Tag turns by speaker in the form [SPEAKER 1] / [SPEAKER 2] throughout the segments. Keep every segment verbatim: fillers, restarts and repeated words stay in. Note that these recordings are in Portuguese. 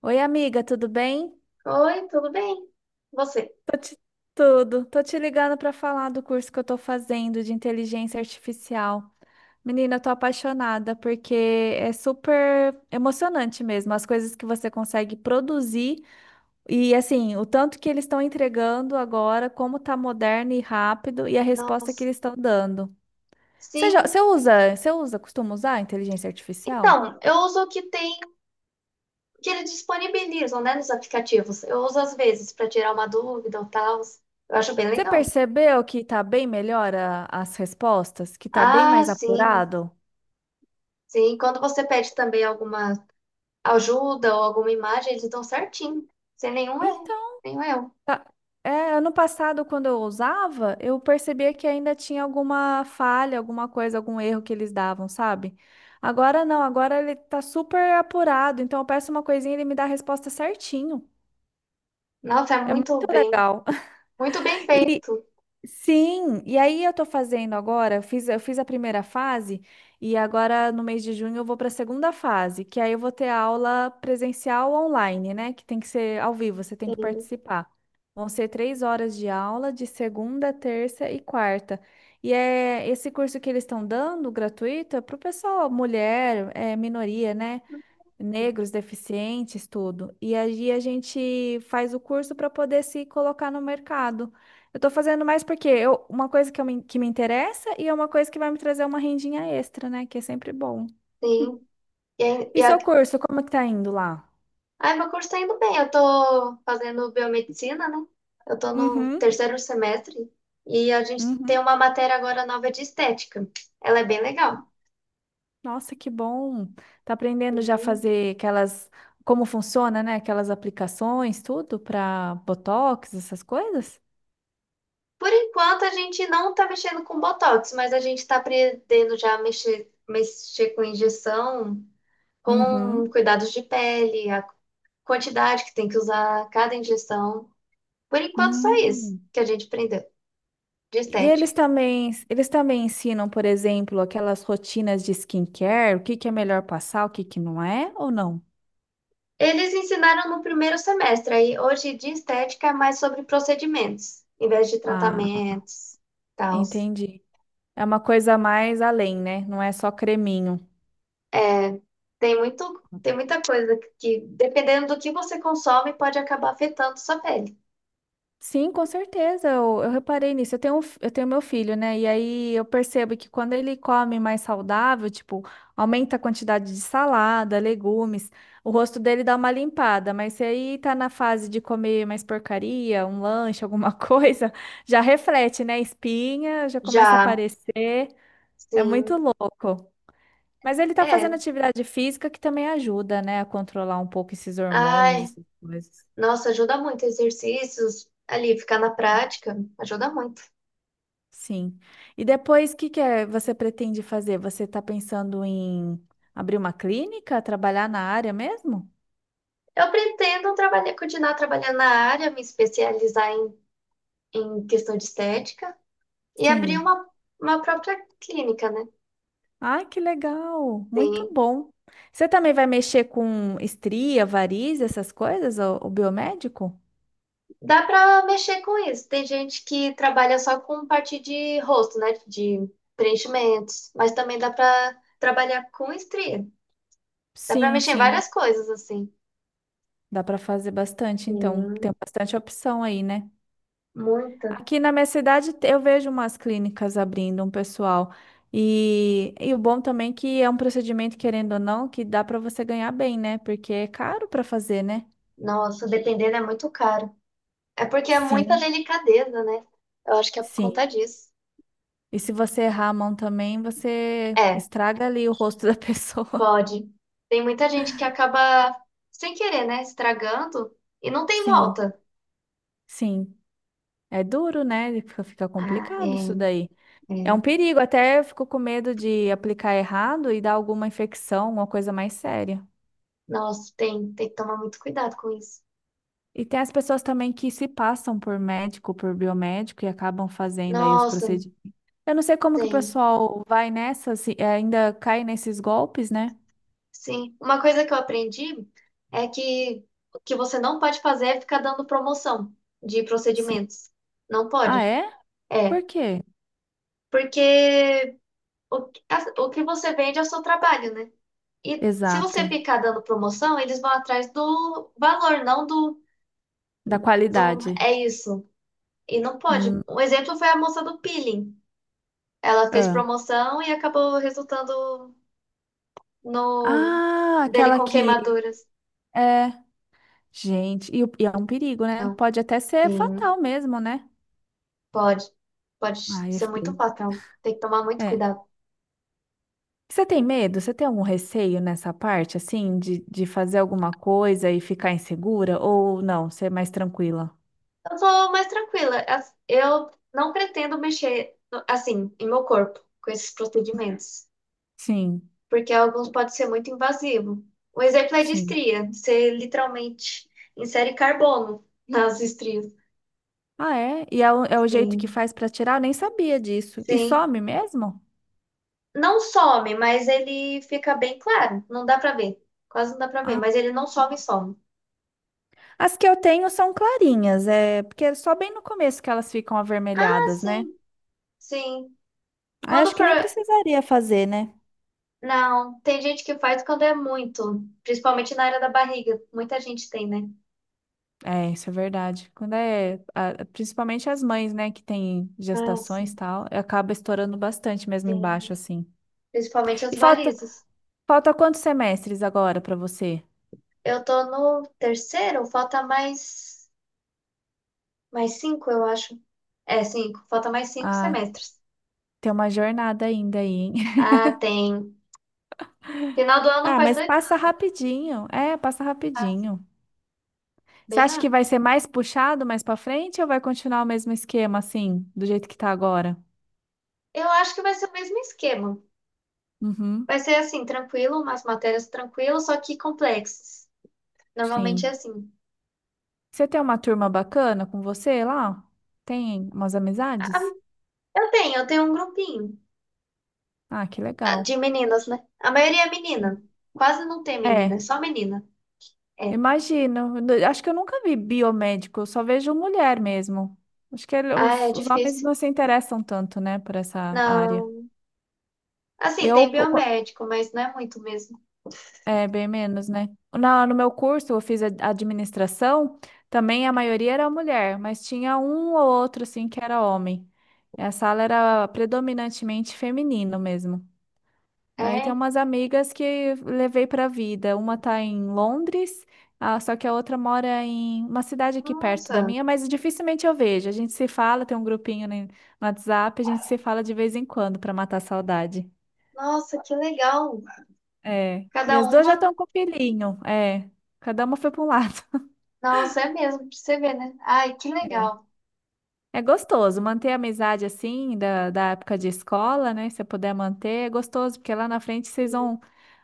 [SPEAKER 1] Oi, amiga, tudo bem?
[SPEAKER 2] Oi, tudo bem? Você?
[SPEAKER 1] Tô te... Tudo. Tô te ligando para falar do curso que eu tô fazendo de inteligência artificial. Menina, eu tô apaixonada porque é super emocionante mesmo as coisas que você consegue produzir e assim, o tanto que eles estão entregando agora, como tá moderno e rápido e a resposta que
[SPEAKER 2] Nossa,
[SPEAKER 1] eles estão dando. Você já...
[SPEAKER 2] sim.
[SPEAKER 1] você usa, você usa, costuma usar a inteligência artificial?
[SPEAKER 2] Então, eu uso o que tem, que eles disponibilizam, né, nos aplicativos. Eu uso às vezes para tirar uma dúvida ou tal. Eu acho bem
[SPEAKER 1] Você
[SPEAKER 2] legal.
[SPEAKER 1] percebeu que tá bem melhor a- as respostas, que tá bem
[SPEAKER 2] Ah,
[SPEAKER 1] mais
[SPEAKER 2] sim.
[SPEAKER 1] apurado?
[SPEAKER 2] Sim, quando você pede também alguma ajuda ou alguma imagem, eles dão certinho. Sem nenhum erro,
[SPEAKER 1] Então,
[SPEAKER 2] nenhum erro.
[SPEAKER 1] Tá. É, ano passado, quando eu usava, eu percebia que ainda tinha alguma falha, alguma coisa, algum erro que eles davam, sabe? Agora não, agora ele tá super apurado, então eu peço uma coisinha e ele me dá a resposta certinho.
[SPEAKER 2] Nossa, é
[SPEAKER 1] É muito
[SPEAKER 2] muito bem,
[SPEAKER 1] legal.
[SPEAKER 2] muito bem
[SPEAKER 1] E,
[SPEAKER 2] feito.
[SPEAKER 1] Sim, e aí eu tô fazendo agora, eu fiz, eu fiz a primeira fase e agora no mês de junho eu vou para a segunda fase, que aí eu vou ter aula presencial online, né? Que tem que ser ao vivo, você tem que
[SPEAKER 2] Sim,
[SPEAKER 1] participar. Vão ser três horas de aula de segunda, terça e quarta. E é esse curso que eles estão dando, gratuito, é para o pessoal, mulher, é, minoria, né? Negros, deficientes, tudo. E aí a gente faz o curso para poder se colocar no mercado. Eu estou fazendo mais porque eu, uma coisa que, eu me, que me interessa e é uma coisa que vai me trazer uma rendinha extra, né? Que é sempre bom.
[SPEAKER 2] sim. E, aí- e
[SPEAKER 1] E
[SPEAKER 2] a
[SPEAKER 1] seu curso, como é que tá indo lá?
[SPEAKER 2] Ai, meu curso tá indo bem. Eu tô fazendo biomedicina, né? Eu tô no
[SPEAKER 1] Uhum,
[SPEAKER 2] terceiro semestre e a gente tem
[SPEAKER 1] uhum.
[SPEAKER 2] uma matéria agora nova de estética. Ela é bem legal.
[SPEAKER 1] Nossa, que bom. Tá aprendendo já a
[SPEAKER 2] Uhum.
[SPEAKER 1] fazer aquelas, como funciona, né? Aquelas aplicações, tudo para Botox, essas coisas?
[SPEAKER 2] Por enquanto, a gente não tá mexendo com botox, mas a gente tá aprendendo já a mexer, mexer com injeção, com
[SPEAKER 1] Uhum.
[SPEAKER 2] cuidados de pele, a quantidade que tem que usar cada injeção. Por enquanto, só isso
[SPEAKER 1] Hum.
[SPEAKER 2] que a gente aprendeu de
[SPEAKER 1] E
[SPEAKER 2] estética.
[SPEAKER 1] eles também, eles também ensinam, por exemplo, aquelas rotinas de skincare, o que que é melhor passar, o que que não é, ou não?
[SPEAKER 2] Eles ensinaram no primeiro semestre, aí hoje de estética é mais sobre procedimentos, em vez de
[SPEAKER 1] Ah,
[SPEAKER 2] tratamentos, tal.
[SPEAKER 1] entendi. É uma coisa mais além, né? Não é só creminho.
[SPEAKER 2] Tem muito, tem muita coisa que, dependendo do que você consome, pode acabar afetando sua pele.
[SPEAKER 1] Sim, com certeza. Eu, eu reparei nisso. Eu tenho, um fi- eu tenho meu filho, né? E aí eu percebo que quando ele come mais saudável, tipo, aumenta a quantidade de salada, legumes, o rosto dele dá uma limpada. Mas se aí tá na fase de comer mais porcaria, um lanche, alguma coisa, já reflete, né? Espinha já começa a
[SPEAKER 2] Já,
[SPEAKER 1] aparecer. É muito
[SPEAKER 2] sim,
[SPEAKER 1] louco. Mas ele tá
[SPEAKER 2] é.
[SPEAKER 1] fazendo atividade física que também ajuda, né? A controlar um pouco esses hormônios,
[SPEAKER 2] Ai,
[SPEAKER 1] essas coisas.
[SPEAKER 2] nossa, ajuda muito exercícios ali, ficar na prática, ajuda muito.
[SPEAKER 1] Sim. E depois, o que que é, você pretende fazer? Você está pensando em abrir uma clínica, trabalhar na área mesmo?
[SPEAKER 2] Eu pretendo trabalhar, continuar trabalhando na área, me especializar em, em questão de estética e abrir
[SPEAKER 1] Sim.
[SPEAKER 2] uma, uma própria clínica, né?
[SPEAKER 1] Ai, que legal! Muito
[SPEAKER 2] Sim.
[SPEAKER 1] bom. Você também vai mexer com estria, variz, essas coisas, o, o biomédico?
[SPEAKER 2] Dá pra mexer com isso. Tem gente que trabalha só com parte de rosto, né? De preenchimentos. Mas também dá pra trabalhar com estria. Dá pra
[SPEAKER 1] Sim,
[SPEAKER 2] mexer em
[SPEAKER 1] sim.
[SPEAKER 2] várias coisas, assim.
[SPEAKER 1] Dá para fazer bastante, então
[SPEAKER 2] Sim,
[SPEAKER 1] tem bastante opção aí, né?
[SPEAKER 2] muita.
[SPEAKER 1] Aqui na minha cidade te- eu vejo umas clínicas abrindo, um pessoal. E, e o bom também é que é um procedimento, querendo ou não, que dá para você ganhar bem, né? Porque é caro para fazer, né?
[SPEAKER 2] Nossa, dependendo é muito caro. É porque é muita
[SPEAKER 1] Sim,
[SPEAKER 2] delicadeza, né? Eu acho que é por
[SPEAKER 1] sim.
[SPEAKER 2] conta disso.
[SPEAKER 1] E se você errar a mão também, você
[SPEAKER 2] É,
[SPEAKER 1] estraga ali o rosto da pessoa.
[SPEAKER 2] pode. Tem muita gente que acaba, sem querer, né? Estragando e não tem
[SPEAKER 1] Sim,
[SPEAKER 2] volta.
[SPEAKER 1] sim. É duro, né? Fica, fica
[SPEAKER 2] Ah,
[SPEAKER 1] complicado
[SPEAKER 2] é,
[SPEAKER 1] isso daí.
[SPEAKER 2] é.
[SPEAKER 1] É um perigo, até eu fico com medo de aplicar errado e dar alguma infecção, uma coisa mais séria.
[SPEAKER 2] Nossa, tem, tem que tomar muito cuidado com isso.
[SPEAKER 1] E tem as pessoas também que se passam por médico, por biomédico e acabam fazendo aí os
[SPEAKER 2] Nossa.
[SPEAKER 1] procedimentos. Eu não sei como que o
[SPEAKER 2] Tem,
[SPEAKER 1] pessoal vai nessa, se ainda cai nesses golpes, né?
[SPEAKER 2] sim. Uma coisa que eu aprendi é que o que você não pode fazer é ficar dando promoção de
[SPEAKER 1] Sim.
[SPEAKER 2] procedimentos. Não pode.
[SPEAKER 1] Ah, é?
[SPEAKER 2] É,
[SPEAKER 1] Por quê?
[SPEAKER 2] porque o, que- a- o que você vende é o seu trabalho, né? E se você
[SPEAKER 1] Exato.
[SPEAKER 2] ficar dando promoção, eles vão atrás do valor, não do,
[SPEAKER 1] Da
[SPEAKER 2] do
[SPEAKER 1] qualidade.
[SPEAKER 2] é isso. E não pode.
[SPEAKER 1] Hum,
[SPEAKER 2] Um exemplo foi a moça do peeling. Ela fez
[SPEAKER 1] ah.
[SPEAKER 2] promoção e acabou resultando no
[SPEAKER 1] Ah,
[SPEAKER 2] dele
[SPEAKER 1] aquela
[SPEAKER 2] com
[SPEAKER 1] que
[SPEAKER 2] queimaduras.
[SPEAKER 1] é, gente, e, o- e é um perigo, né?
[SPEAKER 2] Então,
[SPEAKER 1] Pode até ser
[SPEAKER 2] sim.
[SPEAKER 1] fatal mesmo, né?
[SPEAKER 2] Pode, pode
[SPEAKER 1] Ah, é
[SPEAKER 2] ser muito
[SPEAKER 1] feio.
[SPEAKER 2] fatal. Tem que tomar muito
[SPEAKER 1] É.
[SPEAKER 2] cuidado.
[SPEAKER 1] Você tem medo? Você tem algum receio nessa parte, assim, de, de fazer alguma coisa e ficar insegura? Ou não, ser mais tranquila?
[SPEAKER 2] Eu sou mais tranquila. As- Eu não pretendo mexer, no- assim, em meu corpo com esses procedimentos,
[SPEAKER 1] Sim,
[SPEAKER 2] porque alguns podem ser muito invasivo. Um exemplo é de
[SPEAKER 1] sim.
[SPEAKER 2] estria. Você literalmente insere carbono nas estrias.
[SPEAKER 1] Ah, é? E é o, é o jeito que
[SPEAKER 2] Sim,
[SPEAKER 1] faz pra tirar? Eu nem sabia disso. E
[SPEAKER 2] sim.
[SPEAKER 1] some mesmo?
[SPEAKER 2] Não some, mas ele fica bem claro. Não dá pra ver. Quase não dá pra ver,
[SPEAKER 1] Ah.
[SPEAKER 2] mas ele não some e some.
[SPEAKER 1] As que eu tenho são clarinhas, é porque é só bem no começo que elas ficam
[SPEAKER 2] Ah,
[SPEAKER 1] avermelhadas, né?
[SPEAKER 2] sim, sim.
[SPEAKER 1] Aí
[SPEAKER 2] Quando
[SPEAKER 1] acho que
[SPEAKER 2] for.
[SPEAKER 1] nem precisaria fazer, né?
[SPEAKER 2] Não, tem gente que faz quando é muito, principalmente na área da barriga. Muita gente tem, né?
[SPEAKER 1] É, isso é verdade. Quando é, a- principalmente as mães, né, que têm
[SPEAKER 2] Ah,
[SPEAKER 1] gestações e
[SPEAKER 2] sim.
[SPEAKER 1] tal, acaba estourando bastante mesmo embaixo,
[SPEAKER 2] Tem,
[SPEAKER 1] assim.
[SPEAKER 2] principalmente as
[SPEAKER 1] E falta,
[SPEAKER 2] varizes.
[SPEAKER 1] falta quantos semestres agora para você?
[SPEAKER 2] Eu tô no terceiro, falta mais mais cinco, eu acho. É, cinco, falta mais cinco
[SPEAKER 1] Ah,
[SPEAKER 2] semestres.
[SPEAKER 1] tem uma jornada ainda aí, hein?
[SPEAKER 2] Ah, tem. Final do ano
[SPEAKER 1] Ah,
[SPEAKER 2] faz
[SPEAKER 1] mas
[SPEAKER 2] dois. anos.
[SPEAKER 1] passa rapidinho. É, passa rapidinho. Você
[SPEAKER 2] Bem,
[SPEAKER 1] acha que
[SPEAKER 2] ah,
[SPEAKER 1] vai ser mais puxado mais para frente ou vai continuar o mesmo esquema assim, do jeito que tá agora?
[SPEAKER 2] eu acho que vai ser o mesmo esquema.
[SPEAKER 1] Uhum,
[SPEAKER 2] Vai ser assim, tranquilo, umas matérias tranquilas, só que complexas. Normalmente é
[SPEAKER 1] sim.
[SPEAKER 2] assim.
[SPEAKER 1] Você tem uma turma bacana com você lá? Tem umas amizades?
[SPEAKER 2] Eu tenho, eu tenho um grupinho.
[SPEAKER 1] Ah, que legal.
[SPEAKER 2] De meninas, né? A maioria é menina.
[SPEAKER 1] Hum.
[SPEAKER 2] Quase não tem menina, é
[SPEAKER 1] É,
[SPEAKER 2] só menina. É.
[SPEAKER 1] imagino. Eu acho que eu nunca vi biomédico, eu só vejo mulher mesmo. Acho que ele-
[SPEAKER 2] Ah, é
[SPEAKER 1] os, os homens
[SPEAKER 2] difícil.
[SPEAKER 1] não se interessam tanto, né, por essa área.
[SPEAKER 2] Não. Assim,
[SPEAKER 1] Eu,
[SPEAKER 2] tem
[SPEAKER 1] po- co-
[SPEAKER 2] biomédico, mas não é muito mesmo.
[SPEAKER 1] é, bem menos, né? Na, no meu curso, eu fiz a- administração, também a maioria era mulher, mas tinha um ou outro, assim, que era homem. E a sala era predominantemente feminino mesmo. Aí tem
[SPEAKER 2] É.
[SPEAKER 1] umas amigas que levei pra vida. Uma tá em Londres, ah, só que a outra mora em uma cidade aqui perto da
[SPEAKER 2] Nossa.
[SPEAKER 1] minha, mas dificilmente eu vejo. A gente se fala, tem um grupinho no no WhatsApp, a gente se fala de vez em quando pra matar a saudade.
[SPEAKER 2] Nossa, que legal.
[SPEAKER 1] É. E
[SPEAKER 2] Cada
[SPEAKER 1] as duas já
[SPEAKER 2] uma.
[SPEAKER 1] estão com filhinho. É. Cada uma foi pra um lado.
[SPEAKER 2] Nossa, é mesmo, pra você ver, né? Ai, que
[SPEAKER 1] É.
[SPEAKER 2] legal.
[SPEAKER 1] É gostoso manter a amizade assim, da, da época de escola, né? Se você puder manter, é gostoso, porque lá na frente vocês
[SPEAKER 2] Uhum.
[SPEAKER 1] vão,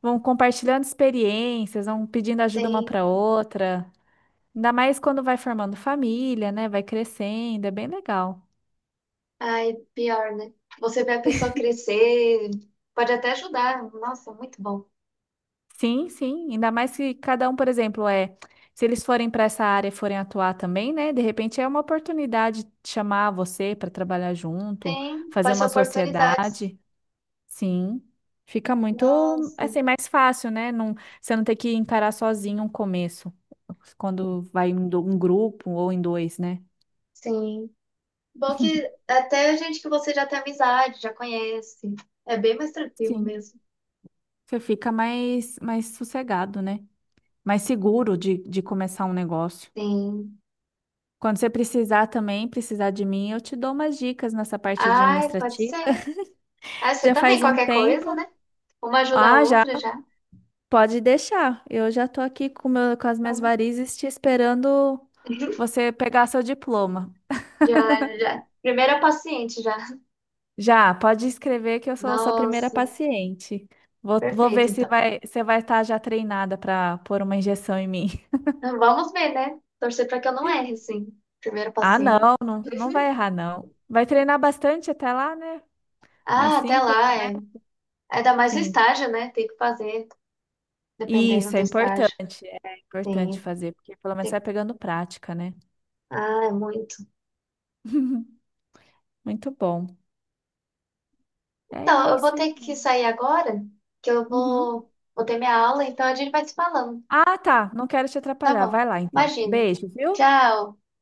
[SPEAKER 1] vão compartilhando experiências, vão pedindo ajuda uma
[SPEAKER 2] Tem.
[SPEAKER 1] pra outra. Ainda mais quando vai formando família, né? Vai crescendo, é bem legal.
[SPEAKER 2] Ai, pior, né? Você vê a pessoa crescer. Pode até ajudar. Nossa, muito bom.
[SPEAKER 1] Sim, sim. Ainda mais se cada um, por exemplo, é. Se eles forem para essa área e forem atuar também, né? De repente é uma oportunidade de chamar você para trabalhar junto,
[SPEAKER 2] Tem.
[SPEAKER 1] fazer
[SPEAKER 2] Pode ser
[SPEAKER 1] uma
[SPEAKER 2] oportunidades.
[SPEAKER 1] sociedade. Sim. Fica muito,
[SPEAKER 2] Nossa.
[SPEAKER 1] assim, mais fácil, né? Não, você não ter que encarar sozinho um começo, quando vai em do- um grupo ou em dois, né?
[SPEAKER 2] Sim. Bom que até gente que você já tem amizade, já conhece. É bem mais tranquilo
[SPEAKER 1] Sim.
[SPEAKER 2] mesmo.
[SPEAKER 1] Você fica mais, mais sossegado, né? Mais seguro de, de começar um negócio.
[SPEAKER 2] Sim.
[SPEAKER 1] Quando você precisar também, precisar de mim, eu te dou umas dicas nessa parte
[SPEAKER 2] Ai, pode
[SPEAKER 1] administrativa.
[SPEAKER 2] ser. Ah, você
[SPEAKER 1] Já
[SPEAKER 2] também,
[SPEAKER 1] faz um
[SPEAKER 2] qualquer coisa,
[SPEAKER 1] tempo.
[SPEAKER 2] né? Uma ajuda a
[SPEAKER 1] Ah, já
[SPEAKER 2] outra já.
[SPEAKER 1] pode deixar. Eu já estou aqui com, o meu, com as minhas
[SPEAKER 2] Então,
[SPEAKER 1] varizes te esperando você pegar seu diploma.
[SPEAKER 2] já, já. Primeira paciente já.
[SPEAKER 1] Já, pode escrever que eu sou sua primeira
[SPEAKER 2] Nossa,
[SPEAKER 1] paciente. Vou, vou
[SPEAKER 2] perfeito,
[SPEAKER 1] ver se
[SPEAKER 2] então.
[SPEAKER 1] vai, você vai estar já treinada para pôr uma injeção em mim.
[SPEAKER 2] Então, vamos ver, né? Torcer para que eu não erre, sim. Primeiro
[SPEAKER 1] Ah,
[SPEAKER 2] paciente.
[SPEAKER 1] não, não, não vai errar, não. Vai treinar bastante até lá, né? Mais
[SPEAKER 2] Ah, até
[SPEAKER 1] cinco,
[SPEAKER 2] lá.
[SPEAKER 1] né?
[SPEAKER 2] É. Ainda mais o
[SPEAKER 1] Sim.
[SPEAKER 2] estágio, né? Tem que fazer, dependendo
[SPEAKER 1] Isso
[SPEAKER 2] do
[SPEAKER 1] é
[SPEAKER 2] estágio.
[SPEAKER 1] importante, é importante
[SPEAKER 2] Tem,
[SPEAKER 1] fazer, porque pelo menos você vai
[SPEAKER 2] tem.
[SPEAKER 1] pegando prática, né?
[SPEAKER 2] Ah, é muito.
[SPEAKER 1] Muito bom. É
[SPEAKER 2] Então, eu vou
[SPEAKER 1] isso,
[SPEAKER 2] ter que
[SPEAKER 1] então.
[SPEAKER 2] sair agora, que eu
[SPEAKER 1] Uhum.
[SPEAKER 2] vou, vou ter minha aula, então a gente vai se falando.
[SPEAKER 1] Ah, tá. Não quero te
[SPEAKER 2] Tá
[SPEAKER 1] atrapalhar.
[SPEAKER 2] bom.
[SPEAKER 1] Vai lá, então.
[SPEAKER 2] Imagino.
[SPEAKER 1] Beijo, viu?
[SPEAKER 2] Tchau.